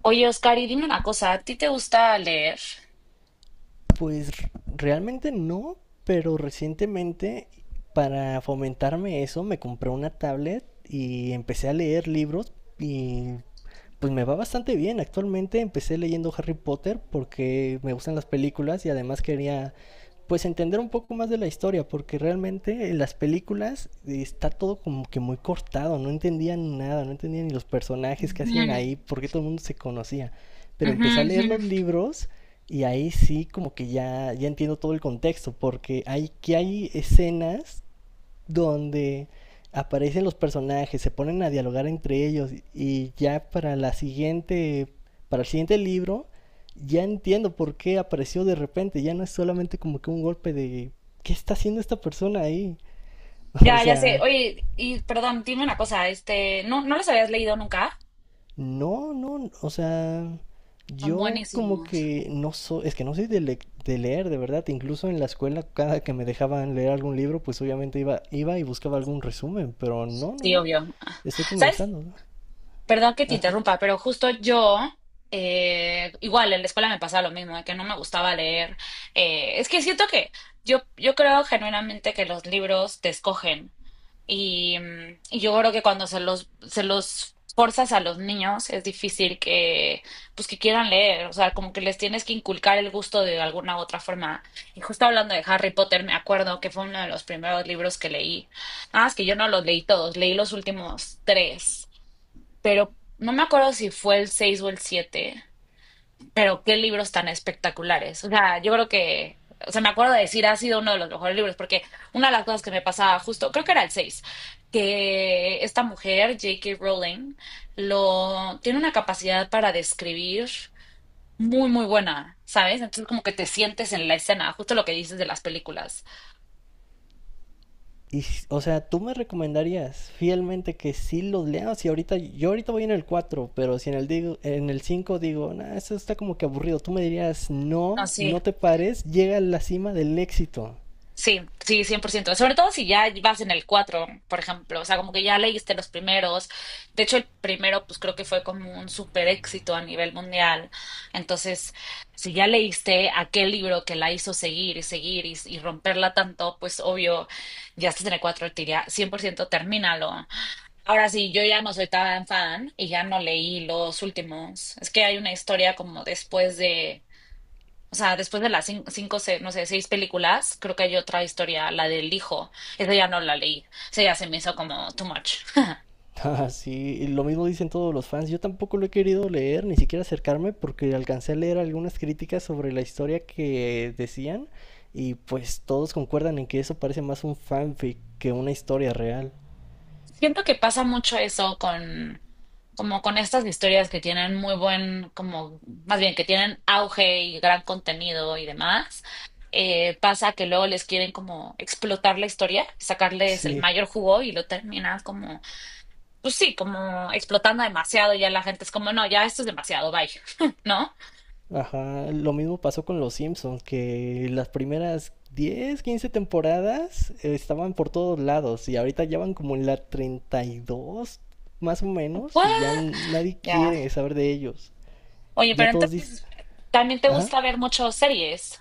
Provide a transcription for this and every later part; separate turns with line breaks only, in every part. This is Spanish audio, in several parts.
Oye, Oscar, y dime una cosa, ¿a ti te gusta leer?
Pues realmente no, pero recientemente para fomentarme eso me compré una tablet y empecé a leer libros y pues me va bastante bien. Actualmente empecé leyendo Harry Potter porque me gustan las películas y además quería pues entender un poco más de la historia porque realmente en las películas está todo como que muy cortado, no entendía nada, no entendía ni los personajes que hacían
Ujú,
ahí, porque todo el mundo se conocía. Pero
ujú,
empecé a leer
ujú.
los libros y ahí sí, como que ya, ya entiendo todo el contexto, porque hay que hay escenas donde aparecen los personajes, se ponen a dialogar entre ellos y ya para el siguiente libro, ya entiendo por qué apareció de repente, ya no es solamente como que un golpe de ¿qué está haciendo esta persona ahí? O
Ya, ya sé.
sea,
Oye, y perdón, dime una cosa, este, ¿no los habías leído nunca?
no, no, o sea,
Son
yo como
buenísimos.
que no soy, es que no soy de, de leer, de verdad, incluso en la escuela cada que me dejaban leer algún libro, pues obviamente iba, iba y buscaba algún resumen, pero no, no,
Sí,
no,
obvio.
estoy
¿Sabes
comenzando. ¿No?
Perdón que te interrumpa, pero justo igual en la escuela me pasaba lo mismo, de que no me gustaba leer. Es que siento que yo creo genuinamente que los libros te escogen. Y yo creo que cuando se los forzas a los niños es difícil que, pues que quieran leer, o sea, como que les tienes que inculcar el gusto de alguna u otra forma. Y justo hablando de Harry Potter, me acuerdo que fue uno de los primeros libros que leí. Nada más que yo no los leí todos, leí los últimos tres, pero no me acuerdo si fue el 6 o el siete, pero qué libros tan espectaculares. O sea, yo creo que, o sea, me acuerdo de decir, ha sido uno de los mejores libros, porque una de las cosas que me pasaba justo, creo que era el seis, que esta mujer, J.K. Rowling, lo, tiene una capacidad para describir muy, muy buena, ¿sabes? Entonces como que te sientes en la escena, justo lo que dices de las películas.
Y, o sea, ¿tú me recomendarías fielmente que sí los lea? Si ahorita, yo ahorita voy en el 4, pero si en el digo, en el 5 digo, nah, eso está como que aburrido, tú me dirías,
No,
no,
sí.
no te pares, llega a la cima del éxito.
Sí, sí, 100%. Sobre todo si ya vas en el 4, por ejemplo. O sea, como que ya leíste los primeros. De hecho, el primero, pues creo que fue como un super éxito a nivel mundial. Entonces, si ya leíste aquel libro que la hizo seguir y seguir y romperla tanto, pues obvio, ya estás en el 4, te diría 100% termínalo. Ahora sí, yo ya no soy tan fan y ya no leí los últimos. Es que hay una historia como después de, o sea, después de las no sé, seis películas, creo que hay otra historia, la del hijo. Esa ya no la leí. Esa ya se me hizo como too much.
Ah, sí, y lo mismo dicen todos los fans. Yo tampoco lo he querido leer, ni siquiera acercarme, porque alcancé a leer algunas críticas sobre la historia que decían, y pues todos concuerdan en que eso parece más un fanfic que una historia real.
Siento que pasa mucho eso con, como con estas historias que tienen muy buen, como, más bien que tienen auge y gran contenido y demás. Pasa que luego les quieren como explotar la historia, sacarles el
Sí,
mayor jugo y lo terminan como, pues sí, como explotando demasiado. Y ya la gente es como, no, ya esto es demasiado, bye. ¿No?
ajá, lo mismo pasó con Los Simpsons, que las primeras 10 15 temporadas estaban por todos lados, y ahorita ya van como en la 32 más o menos,
Pues,
y ya nadie
ya.
quiere saber de ellos.
Oye,
Ya
pero
todos dicen,
entonces también te
ajá.
gusta ver muchas series.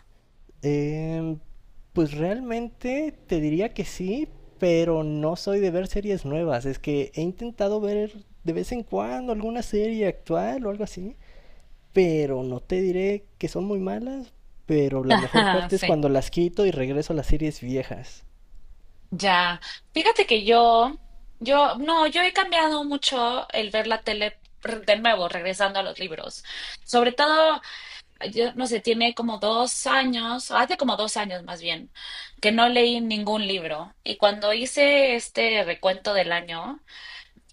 Em, pues realmente te diría que sí, pero no soy de ver series nuevas. Es que he intentado ver de vez en cuando alguna serie actual o algo así, pero no te diré que son muy malas, pero la mejor
Ajá,
parte es
sí,
cuando las quito y regreso a las series viejas.
ya. Fíjate que yo, no, yo he cambiado mucho el ver la tele, de nuevo, regresando a los libros. Sobre todo, yo no sé, tiene como 2 años, hace como 2 años más bien, que no leí ningún libro. Y cuando hice este recuento del año,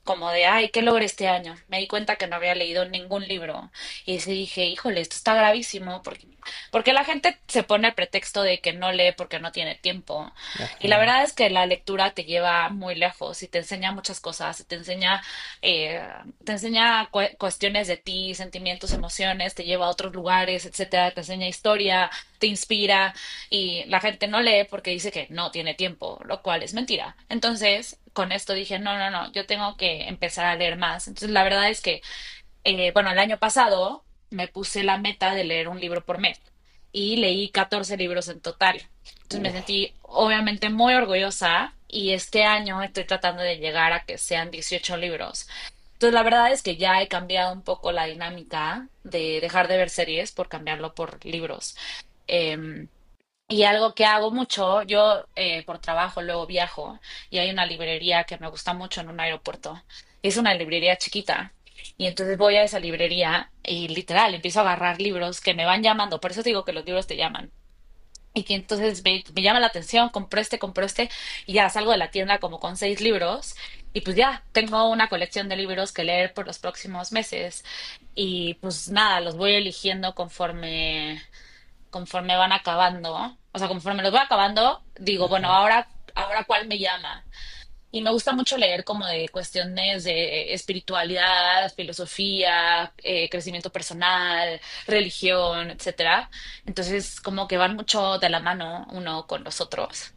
como de, ay, ¿qué logré este año? Me di cuenta que no había leído ningún libro. Y sí dije, híjole, esto está gravísimo, porque, porque la gente se pone el pretexto de que no lee porque no tiene tiempo. Y la
Ajá,
verdad es que la lectura te lleva muy lejos y te enseña muchas cosas, y eh, te enseña cuestiones de ti, sentimientos, emociones, te lleva a otros lugares, etcétera, te enseña historia, te inspira, y la gente no lee porque dice que no tiene tiempo, lo cual es mentira. Entonces, con esto dije, no, no, no, yo tengo que empezar a leer más. Entonces, la verdad es que, bueno, el año pasado me puse la meta de leer un libro por mes y leí 14 libros en total. Entonces me
uf,
sentí obviamente muy orgullosa y este año estoy tratando de llegar a que sean 18 libros. Entonces la verdad es que ya he cambiado un poco la dinámica de dejar de ver series por cambiarlo por libros. Eh, y algo que hago mucho, yo por trabajo luego viajo y hay una librería que me gusta mucho en un aeropuerto. Es una librería chiquita. Y entonces voy a esa librería y literal empiezo a agarrar libros que me van llamando. Por eso te digo que los libros te llaman. Y que entonces me llama la atención, compré este y ya salgo de la tienda como con seis libros. Y pues ya tengo una colección de libros que leer por los próximos meses. Y pues nada, los voy eligiendo conforme van acabando, ¿eh? O sea, conforme los voy acabando, digo, bueno,
ajá.
ahora, ahora cuál me llama. Y me gusta mucho leer como de cuestiones de espiritualidad, filosofía, crecimiento personal, religión, etcétera. Entonces, como que van mucho de la mano uno con los otros.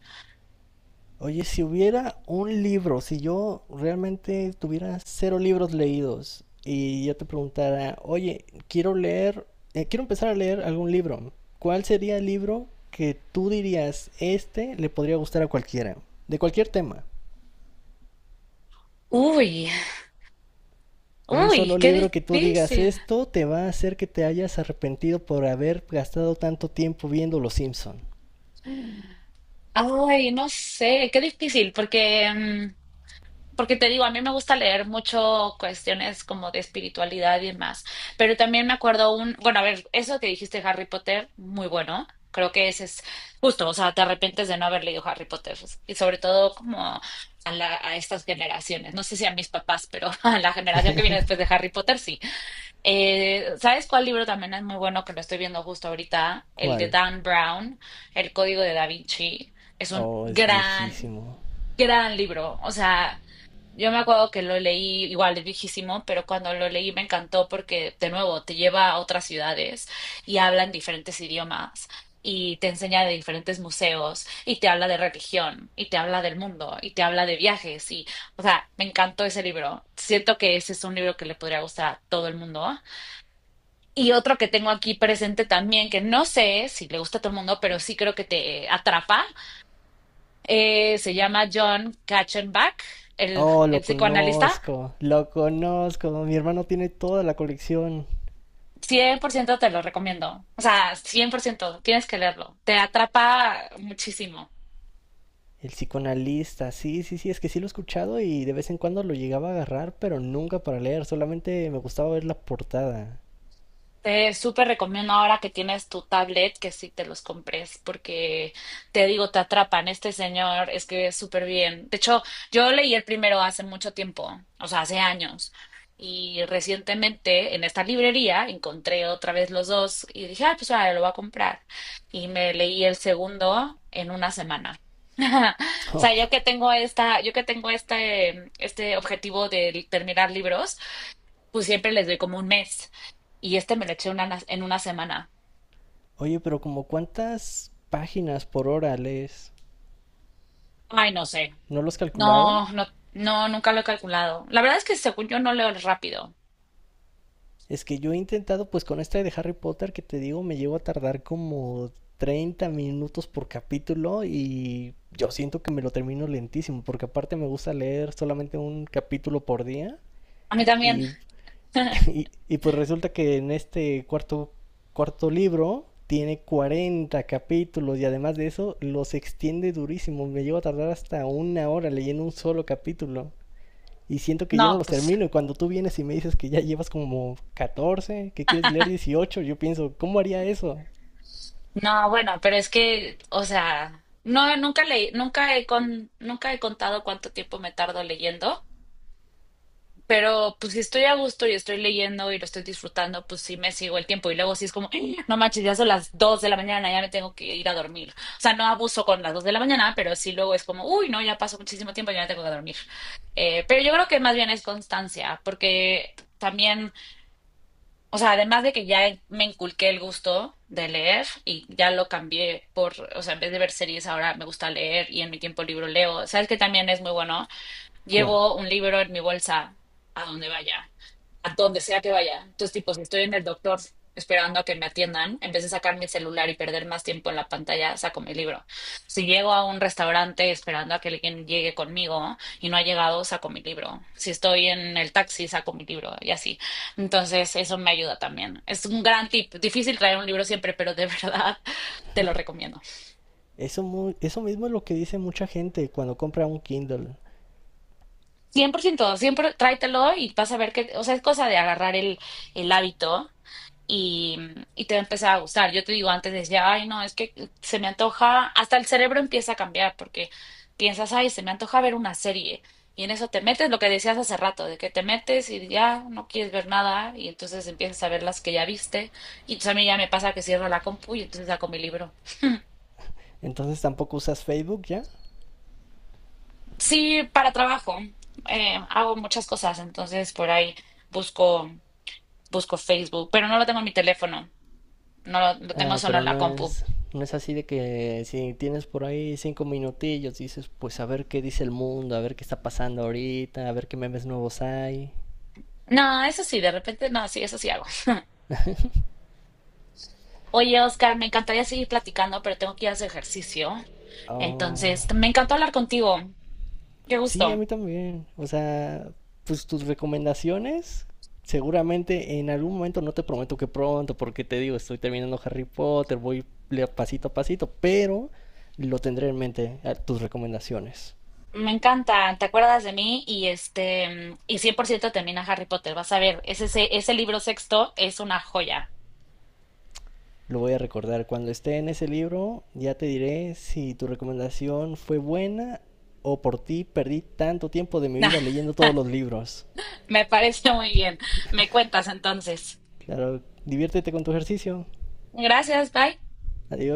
Oye, si hubiera un libro, si yo realmente tuviera cero libros leídos y yo te preguntara, oye, quiero leer, quiero empezar a leer algún libro, ¿cuál sería el libro que tú dirías, este le podría gustar a cualquiera? De cualquier tema.
Uy,
Un
uy,
solo
qué
libro que tú digas,
difícil.
esto te va a hacer que te hayas arrepentido por haber gastado tanto tiempo viendo Los Simpson.
Ay, no sé, qué difícil, porque porque te digo, a mí me gusta leer mucho cuestiones como de espiritualidad y demás, pero también me acuerdo un, bueno, a ver, eso que dijiste de Harry Potter, muy bueno, creo que ese es justo, o sea, te arrepientes de no haber leído Harry Potter, y sobre todo como a, a estas generaciones, no sé si a mis papás, pero a la generación que viene después de Harry Potter, sí. ¿Sabes cuál libro también es muy bueno que lo estoy viendo justo ahorita? El de
¿Cuál?
Dan Brown, El Código de Da Vinci, es un
Oh, es
gran,
viejísimo.
gran libro, o sea... Yo me acuerdo que lo leí, igual es viejísimo, pero cuando lo leí me encantó porque, de nuevo, te lleva a otras ciudades y hablan diferentes idiomas y te enseña de diferentes museos y te habla de religión y te habla del mundo y te habla de viajes y, o sea, me encantó ese libro. Siento que ese es un libro que le podría gustar a todo el mundo. Y otro que tengo aquí presente también, que no sé si le gusta a todo el mundo, pero sí creo que te atrapa, se llama John Katzenbach, el,
Oh,
el
lo
psicoanalista.
conozco, lo conozco. Mi hermano tiene toda la colección.
100% te lo recomiendo. O sea, 100% tienes que leerlo. Te atrapa muchísimo.
El psicoanalista, sí, sí, sí, es que sí lo he escuchado y de vez en cuando lo llegaba a agarrar, pero nunca para leer, solamente me gustaba ver la portada.
Te súper recomiendo ahora que tienes tu tablet que sí te los compres, porque te digo, te atrapan. Este señor es que es súper bien. De hecho, yo leí el primero hace mucho tiempo, o sea, hace años. Y recientemente en esta librería encontré otra vez los dos y dije, ah, pues ahora lo voy a comprar. Y me leí el segundo en una semana. O sea,
Oh,
yo que tengo este objetivo de terminar libros pues siempre les doy como un mes, y este me lo eché en una semana.
oye, pero ¿como cuántas páginas por hora lees?
Ay, no sé.
¿No lo has calculado?
No, no, no, nunca lo he calculado. La verdad es que según yo no leo rápido.
Es que yo he intentado, pues con esta de Harry Potter que te digo, me llevo a tardar como 30 minutos por capítulo y yo siento que me lo termino lentísimo, porque aparte me gusta leer solamente un capítulo por día
A mí también.
y, y pues resulta que en este cuarto libro tiene 40 capítulos y además de eso los extiende durísimo, me llevo a tardar hasta una hora leyendo un solo capítulo y siento que yo no
No,
los
pues,
termino. Y cuando tú vienes y me dices que ya llevas como 14 que quieres leer 18 yo pienso, ¿cómo haría eso?
no, bueno, pero es que, o sea, no, nunca he contado cuánto tiempo me tardo leyendo. Pero pues si estoy a gusto y estoy leyendo y lo estoy disfrutando, pues sí me sigo el tiempo. Y luego sí es como, "Ah, no manches, ya son las 2 de la mañana, ya me tengo que ir a dormir." O sea, no abuso con las 2 de la mañana, pero sí luego es como, uy, no, ya pasó muchísimo tiempo, ya me tengo que dormir. Pero yo creo que más bien es constancia, porque también, o sea, además de que ya me inculqué el gusto de leer y ya lo cambié por, o sea, en vez de ver series ahora me gusta leer y en mi tiempo libro leo. ¿Sabes que también es muy bueno?
¿Cuál?
Llevo un libro en mi bolsa a donde vaya, a donde sea que vaya. Entonces, tipo, si estoy en el doctor esperando a que me atiendan, en vez de sacar mi celular y perder más tiempo en la pantalla, saco mi libro. Si llego a un restaurante esperando a que alguien llegue conmigo y no ha llegado, saco mi libro. Si estoy en el taxi, saco mi libro y así. Entonces, eso me ayuda también. Es un gran tip. Difícil traer un libro siempre, pero de verdad te lo recomiendo.
Eso, muy eso mismo es lo que dice mucha gente cuando compra un Kindle.
100% siempre tráetelo y vas a ver que, o sea, es cosa de agarrar el hábito y, y te va a empezar a gustar. Yo te digo, antes decía, ay, no, es que se me antoja, hasta el cerebro empieza a cambiar porque piensas, ay, se me antoja ver una serie. Y en eso te metes, lo que decías hace rato, de que te metes y ya no quieres ver nada y entonces empiezas a ver las que ya viste. Y entonces a mí ya me pasa que cierro la compu y entonces saco mi libro.
Entonces tampoco usas Facebook ya.
Sí, para trabajo, hago muchas cosas, entonces por ahí busco, Facebook, pero no lo tengo en mi teléfono, no lo, lo tengo
Ah,
solo
pero
en la
no
compu.
es, no es así de que si tienes por ahí cinco minutillos, dices, pues a ver qué dice el mundo, a ver qué está pasando ahorita, a ver qué memes nuevos hay.
No, eso sí, de repente, no, sí, eso sí hago. Oye, Oscar, me encantaría seguir platicando, pero tengo que ir a hacer ejercicio.
Oh,
Entonces, me encantó hablar contigo. Qué
sí, a
gusto.
mí también. O sea, pues tus recomendaciones, seguramente en algún momento, no te prometo que pronto, porque te digo, estoy terminando Harry Potter, voy pasito a pasito, pero lo tendré en mente, tus recomendaciones.
Me encanta, te acuerdas de mí y este, y 100% termina Harry Potter. Vas a ver, ese libro sexto es una joya.
Lo voy a recordar. Cuando esté en ese libro, ya te diré si tu recomendación fue buena o por ti perdí tanto tiempo de mi vida leyendo todos los libros.
Me parece muy bien. Me cuentas entonces.
Claro, diviértete con tu ejercicio.
Gracias, bye.
Adiós.